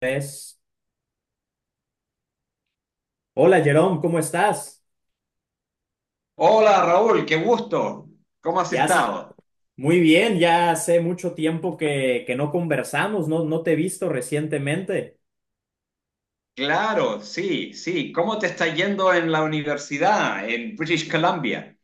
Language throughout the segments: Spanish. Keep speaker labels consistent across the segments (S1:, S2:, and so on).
S1: Pues. Hola Jerome, ¿cómo estás?
S2: Hola Raúl, qué gusto. ¿Cómo has
S1: Ya hace-
S2: estado?
S1: muy bien, ya hace mucho tiempo que no conversamos, no, no te he visto recientemente.
S2: Claro, sí, sí. ¿Cómo te está yendo en la universidad en British Columbia?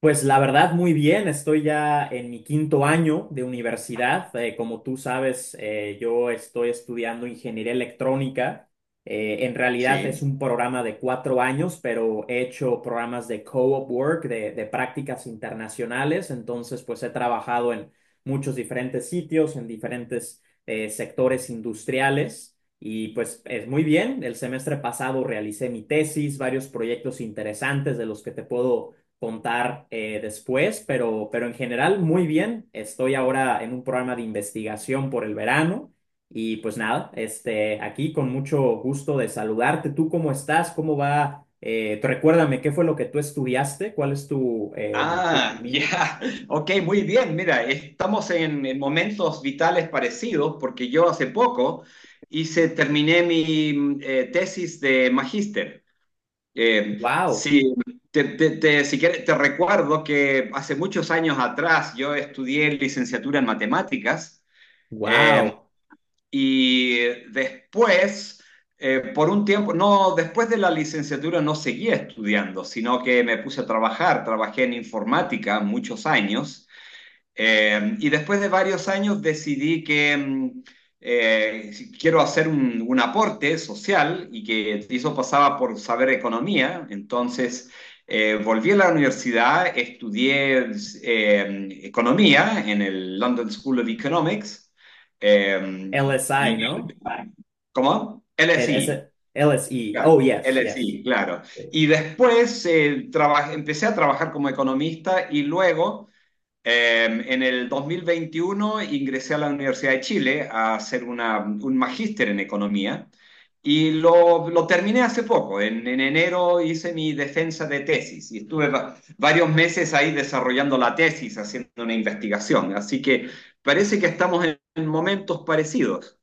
S1: Pues la verdad, muy bien. Estoy ya en mi quinto año de universidad. Como tú sabes, yo estoy estudiando ingeniería electrónica. En realidad es
S2: Sí.
S1: un programa de 4 años, pero he hecho programas de co-op work, de prácticas internacionales. Entonces, pues he trabajado en muchos diferentes sitios, en diferentes sectores industriales. Y pues es muy bien. El semestre pasado realicé mi tesis, varios proyectos interesantes de los que te puedo contar después, pero en general muy bien. Estoy ahora en un programa de investigación por el verano y pues nada, aquí con mucho gusto de saludarte. ¿Tú cómo estás? ¿Cómo va? Tú recuérdame, ¿qué fue lo que tú estudiaste? ¿Cuál es tu
S2: Ah,
S1: camino?
S2: ya. Ok, muy bien. Mira, estamos en momentos vitales parecidos porque yo hace poco hice, terminé mi tesis de magíster.
S1: Wow.
S2: Sí, si quieres, te recuerdo que hace muchos años atrás yo estudié licenciatura en matemáticas. Eh,
S1: Wow.
S2: y después, por un tiempo, no, después de la licenciatura no seguía estudiando, sino que me puse a trabajar, trabajé en informática muchos años y después de varios años decidí que si quiero hacer un, aporte social y que eso pasaba por saber economía. Entonces volví a la universidad, estudié economía en el London School of Economics. eh,
S1: LSI,
S2: y,
S1: ¿no?
S2: ¿Cómo? LSI.
S1: LSE. Oh,
S2: Ya.
S1: yes, yes.
S2: LSI, claro.
S1: Sí.
S2: Y después empecé a trabajar como economista y luego, en el 2021 ingresé a la Universidad de Chile a hacer un magíster en economía y lo terminé hace poco. En enero hice mi defensa de tesis y estuve varios meses ahí desarrollando la tesis, haciendo una investigación. Así que parece que estamos en momentos parecidos.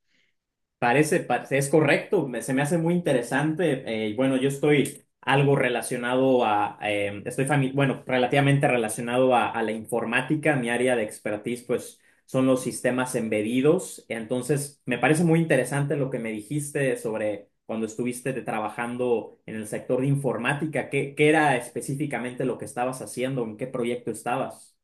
S1: Parece, parece, es correcto. Se me hace muy interesante. Y bueno, yo estoy algo relacionado a, relativamente relacionado a la informática. Mi área de expertise, pues, son los sistemas embedidos. Entonces, me parece muy interesante lo que me dijiste sobre cuando estuviste trabajando en el sector de informática. ¿Qué era específicamente lo que estabas haciendo? ¿En qué proyecto estabas?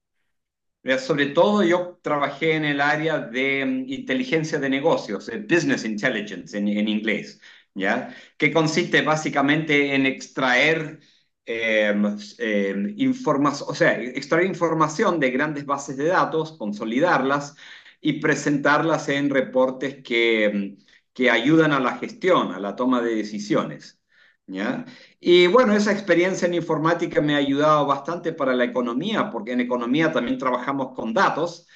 S2: Mira, sobre todo yo trabajé en el área de inteligencia de negocios, business intelligence en inglés, ¿ya? Que consiste básicamente en extraer eh, o sea, extraer información de grandes bases de datos, consolidarlas y presentarlas en reportes que ayudan a la gestión, a la toma de decisiones, ¿ya? Y bueno, esa experiencia en informática me ha ayudado bastante para la economía, porque en economía también trabajamos con datos.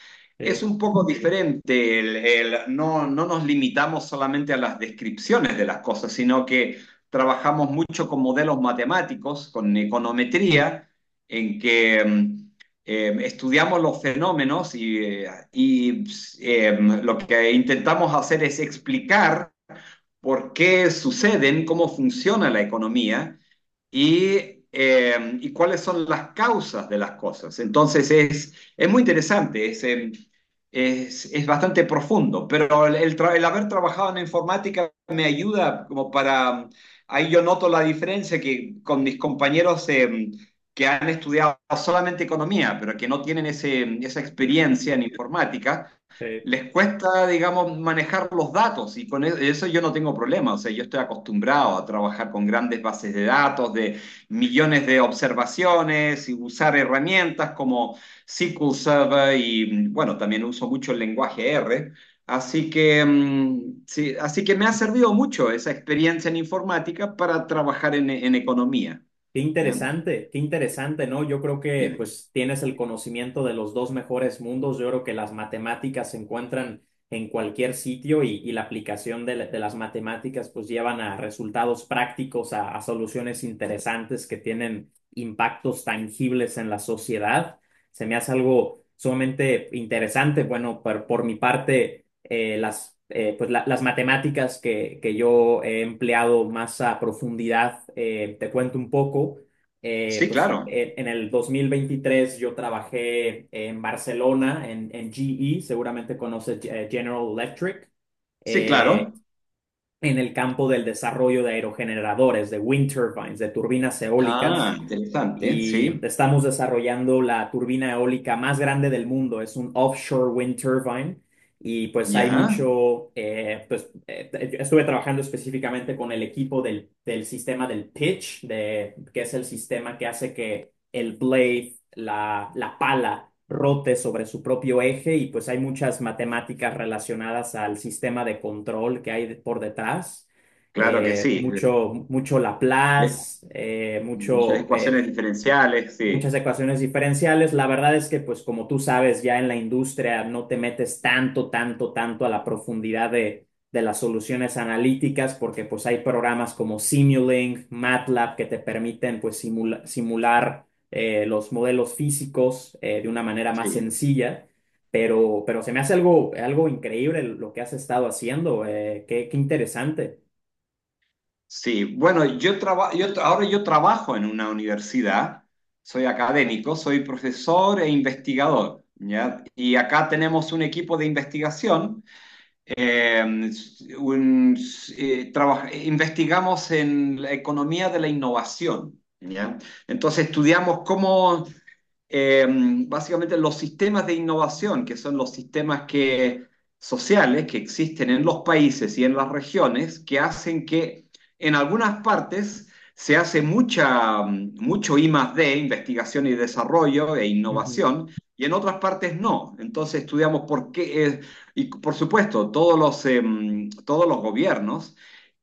S2: Es
S1: Sí,
S2: un poco diferente, no, no nos limitamos solamente a las descripciones de las cosas, sino que trabajamos mucho con modelos matemáticos, con econometría, en que estudiamos los fenómenos y, eh, lo que intentamos hacer es explicar por qué suceden, cómo funciona la economía y, eh, y cuáles son las causas de las cosas. Entonces es muy interesante, es bastante profundo, pero el haber trabajado en informática me ayuda como para, ahí yo noto la diferencia que con mis compañeros que han estudiado solamente economía, pero que no tienen esa experiencia en informática
S1: sí.
S2: les cuesta, digamos, manejar los datos y con eso yo no tengo problema. O sea, yo estoy acostumbrado a trabajar con grandes bases de datos, de millones de observaciones y usar herramientas como SQL Server y, bueno, también uso mucho el lenguaje R. Así que, sí, así que me ha servido mucho esa experiencia en informática para trabajar en economía. ¿Ya?
S1: Qué interesante, ¿no? Yo creo que
S2: Bien.
S1: pues tienes el conocimiento de los dos mejores mundos. Yo creo que las matemáticas se encuentran en cualquier sitio y la aplicación de las matemáticas pues llevan a resultados prácticos, a soluciones interesantes que tienen impactos tangibles en la sociedad. Se me hace algo sumamente interesante. Bueno, por mi parte, las matemáticas que yo he empleado más a profundidad. Te cuento un poco. Eh,
S2: Sí,
S1: pues
S2: claro.
S1: en, en el 2023 yo trabajé en Barcelona, en GE, seguramente conoces General Electric,
S2: Sí,
S1: eh,
S2: claro.
S1: en el campo del desarrollo de aerogeneradores, de wind turbines, de turbinas
S2: Ah,
S1: eólicas,
S2: interesante.
S1: y
S2: Sí,
S1: estamos desarrollando la turbina eólica más grande del mundo. Es un offshore wind turbine. Y pues
S2: ya.
S1: estuve trabajando específicamente con el equipo del sistema del pitch, que es el sistema que hace que el blade, la pala, rote sobre su propio eje. Y pues hay muchas matemáticas relacionadas al sistema de control que hay por detrás,
S2: Claro que sí.
S1: mucho, mucho
S2: Es-
S1: Laplace,
S2: Muchas ecuaciones diferenciales,
S1: muchas
S2: sí,
S1: ecuaciones diferenciales. La verdad es que, pues como tú sabes, ya en la industria no te metes tanto, tanto, tanto a la profundidad de las soluciones analíticas, porque pues hay programas como Simulink, MATLAB, que te permiten pues simular los modelos físicos de una manera
S2: sí,
S1: más sencilla. Pero se me hace algo increíble lo que has estado haciendo. Qué interesante.
S2: sí. Bueno, yo trabajo, ahora yo trabajo en una universidad, soy académico, soy profesor e investigador, ¿ya? Y acá tenemos un equipo de investigación, eh, un- investigamos en la economía de la innovación, ¿ya? Entonces estudiamos cómo, eh, básicamente los sistemas de innovación, que son los sistemas sociales que existen en los países y en las regiones, que hacen que en algunas partes se hace mucho I más D, investigación y desarrollo e
S1: Ujú.
S2: innovación, y en otras partes no. Entonces estudiamos por qué, y por supuesto, todos los gobiernos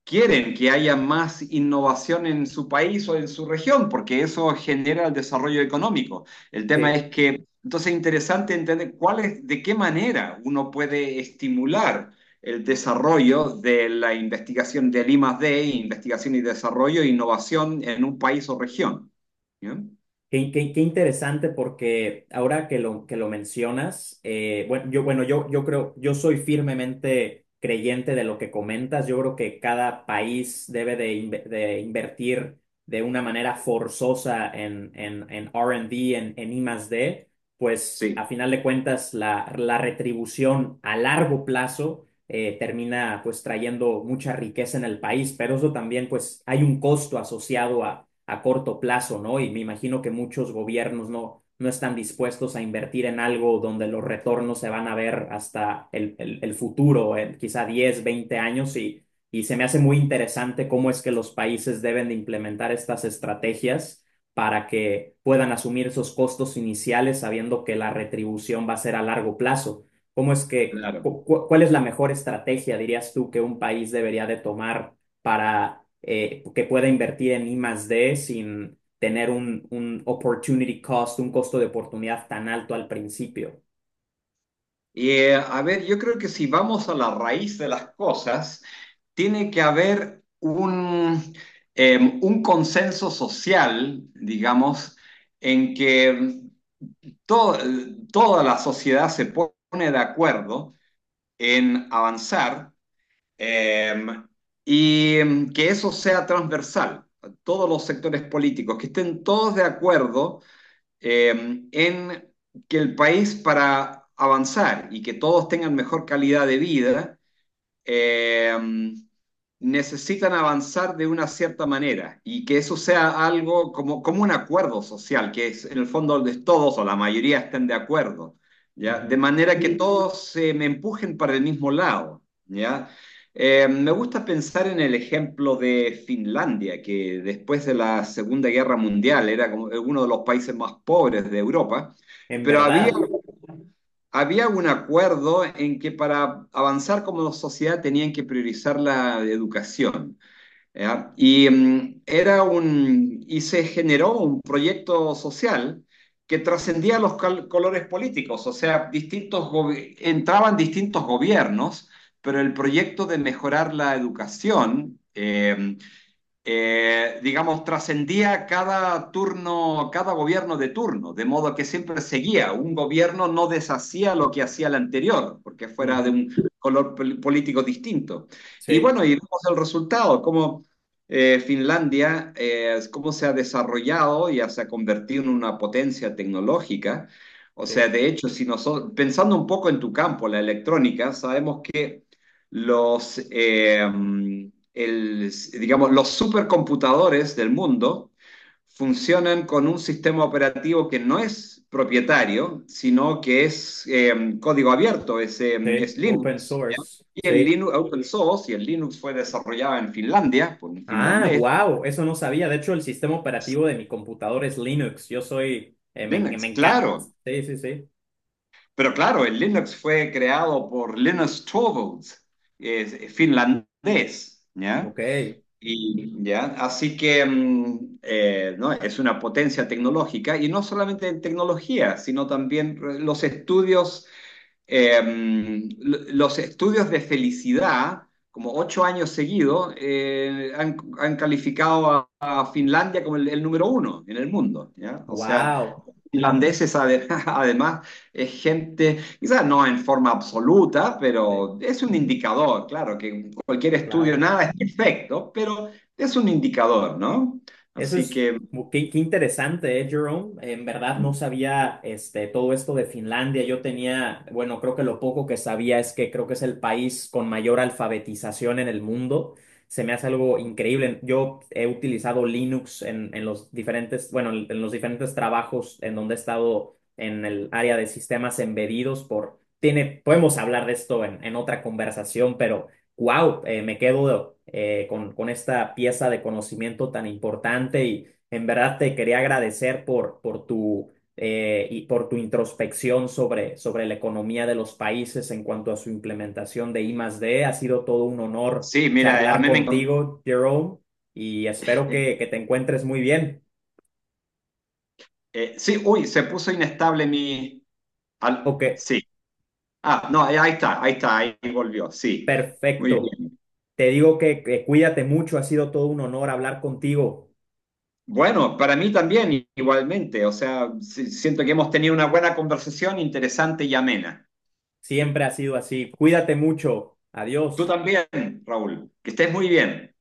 S2: quieren que haya más innovación en su país o en su región, porque eso genera el desarrollo económico. El tema
S1: Sí.
S2: es que, entonces es interesante entender cuál es, de qué manera uno puede estimular el desarrollo de la investigación del I+D, investigación y desarrollo e innovación en un país o región. ¿Bien?
S1: Qué interesante, porque ahora que lo mencionas, bueno, yo, bueno, yo creo, yo soy firmemente creyente de lo que comentas. Yo creo que cada país debe de invertir de una manera forzosa en R&D, en I+D, pues
S2: Sí,
S1: a final de cuentas la retribución a largo plazo termina pues trayendo mucha riqueza en el país, pero eso también pues hay un costo asociado a corto plazo, ¿no? Y me imagino que muchos gobiernos no, no están dispuestos a invertir en algo donde los retornos se van a ver hasta el futuro, en quizá 10, 20 años y... Y se me hace muy interesante cómo es que los países deben de implementar estas estrategias para que puedan asumir esos costos iniciales sabiendo que la retribución va a ser a largo plazo. ¿Cómo es
S2: claro.
S1: cuál es la mejor estrategia, dirías tú, que un país debería de tomar para que pueda invertir en I+D sin tener un opportunity cost, un costo de oportunidad tan alto al principio?
S2: A ver, yo creo que si vamos a la raíz de las cosas, tiene que haber un consenso social, digamos, en que to- toda la sociedad se pone de acuerdo en avanzar eh, y que eso sea transversal, todos los sectores políticos, que estén todos de acuerdo eh, en que el país para avanzar y que todos tengan mejor calidad de vida, eh, necesitan avanzar de una cierta manera y que eso sea algo como, como un acuerdo social, que es en el fondo de todos o la mayoría estén de acuerdo, ¿ya? De
S1: Ujú.
S2: manera que todos se me empujen para el mismo lado, ¿ya? Me gusta pensar en el ejemplo de Finlandia, que después de la Segunda Guerra Mundial era como uno de los países más pobres de Europa,
S1: En
S2: pero
S1: verdad.
S2: había un acuerdo en que para avanzar como sociedad tenían que priorizar la educación. ¿Ya? Y se generó un proyecto social que trascendía los colores políticos, o sea, distintos entraban distintos gobiernos, pero el proyecto de mejorar la educación digamos, trascendía cada turno, cada gobierno de turno, de modo que siempre seguía. Un gobierno no deshacía lo que hacía el anterior, porque fuera de
S1: Ujú.
S2: un color político distinto. Y
S1: Sí,
S2: bueno, y vemos el resultado, cómo, Finlandia, cómo se ha desarrollado y se ha convertido en una potencia tecnológica. O
S1: sí,
S2: sea, de hecho, si nosotros, pensando un poco en tu campo, la electrónica, sabemos que los, eh, el- digamos, los supercomputadores del mundo funcionan con un sistema operativo que no es propietario, sino que es código abierto,
S1: sí,
S2: es
S1: open
S2: Linux. ¿Ya?
S1: source.
S2: Y el
S1: Sí.
S2: Linux open source, y el Linux fue desarrollado en Finlandia, por un
S1: Ah,
S2: finlandés.
S1: wow, eso no sabía. De hecho, el sistema operativo de mi computador es Linux. Me
S2: Linux,
S1: encanta.
S2: claro.
S1: Sí, sí, sí.
S2: Pero claro, el Linux fue creado por Linus Torvalds, es finlandés, ¿ya?
S1: Ok,
S2: Y, ya, así que ¿no? Es una potencia tecnológica y no solamente en tecnología, sino también los estudios, los estudios de felicidad, como 8 años seguidos, han, han calificado a Finlandia como el número uno en el mundo, ¿ya? O sea,
S1: wow.
S2: irlandeses, además, es gente, quizás no en forma absoluta,
S1: Sí,
S2: pero es un indicador, claro, que cualquier estudio,
S1: claro.
S2: nada es perfecto, pero es un indicador, ¿no?
S1: Eso
S2: Así
S1: es,
S2: que,
S1: qué interesante, ¿eh, Jerome? En verdad no sabía todo esto de Finlandia. Yo tenía, bueno, creo que lo poco que sabía es que creo que es el país con mayor alfabetización en el mundo. Se me hace algo increíble. Yo he utilizado Linux en los diferentes trabajos en donde he estado en el área de sistemas embedidos, podemos hablar de esto en otra conversación, pero wow, me quedo con esta pieza de conocimiento tan importante, y en verdad te quería agradecer y por tu introspección sobre la economía de los países en cuanto a su implementación de I+D. Ha sido todo un honor
S2: sí, mira, a
S1: charlar
S2: mí me encanta.
S1: contigo, Jerome, y espero
S2: Eh,
S1: que te encuentres muy bien.
S2: sí, uy, se puso inestable mi...
S1: Ok,
S2: sí, ah, no, ahí está, ahí está, ahí volvió, sí, muy
S1: perfecto.
S2: bien.
S1: Te digo que cuídate mucho. Ha sido todo un honor hablar contigo.
S2: Bueno, para mí también, igualmente, o sea, sí, siento que hemos tenido una buena conversación, interesante y amena.
S1: Siempre ha sido así. Cuídate mucho.
S2: Tú
S1: Adiós.
S2: también, Raúl. Que estés muy bien.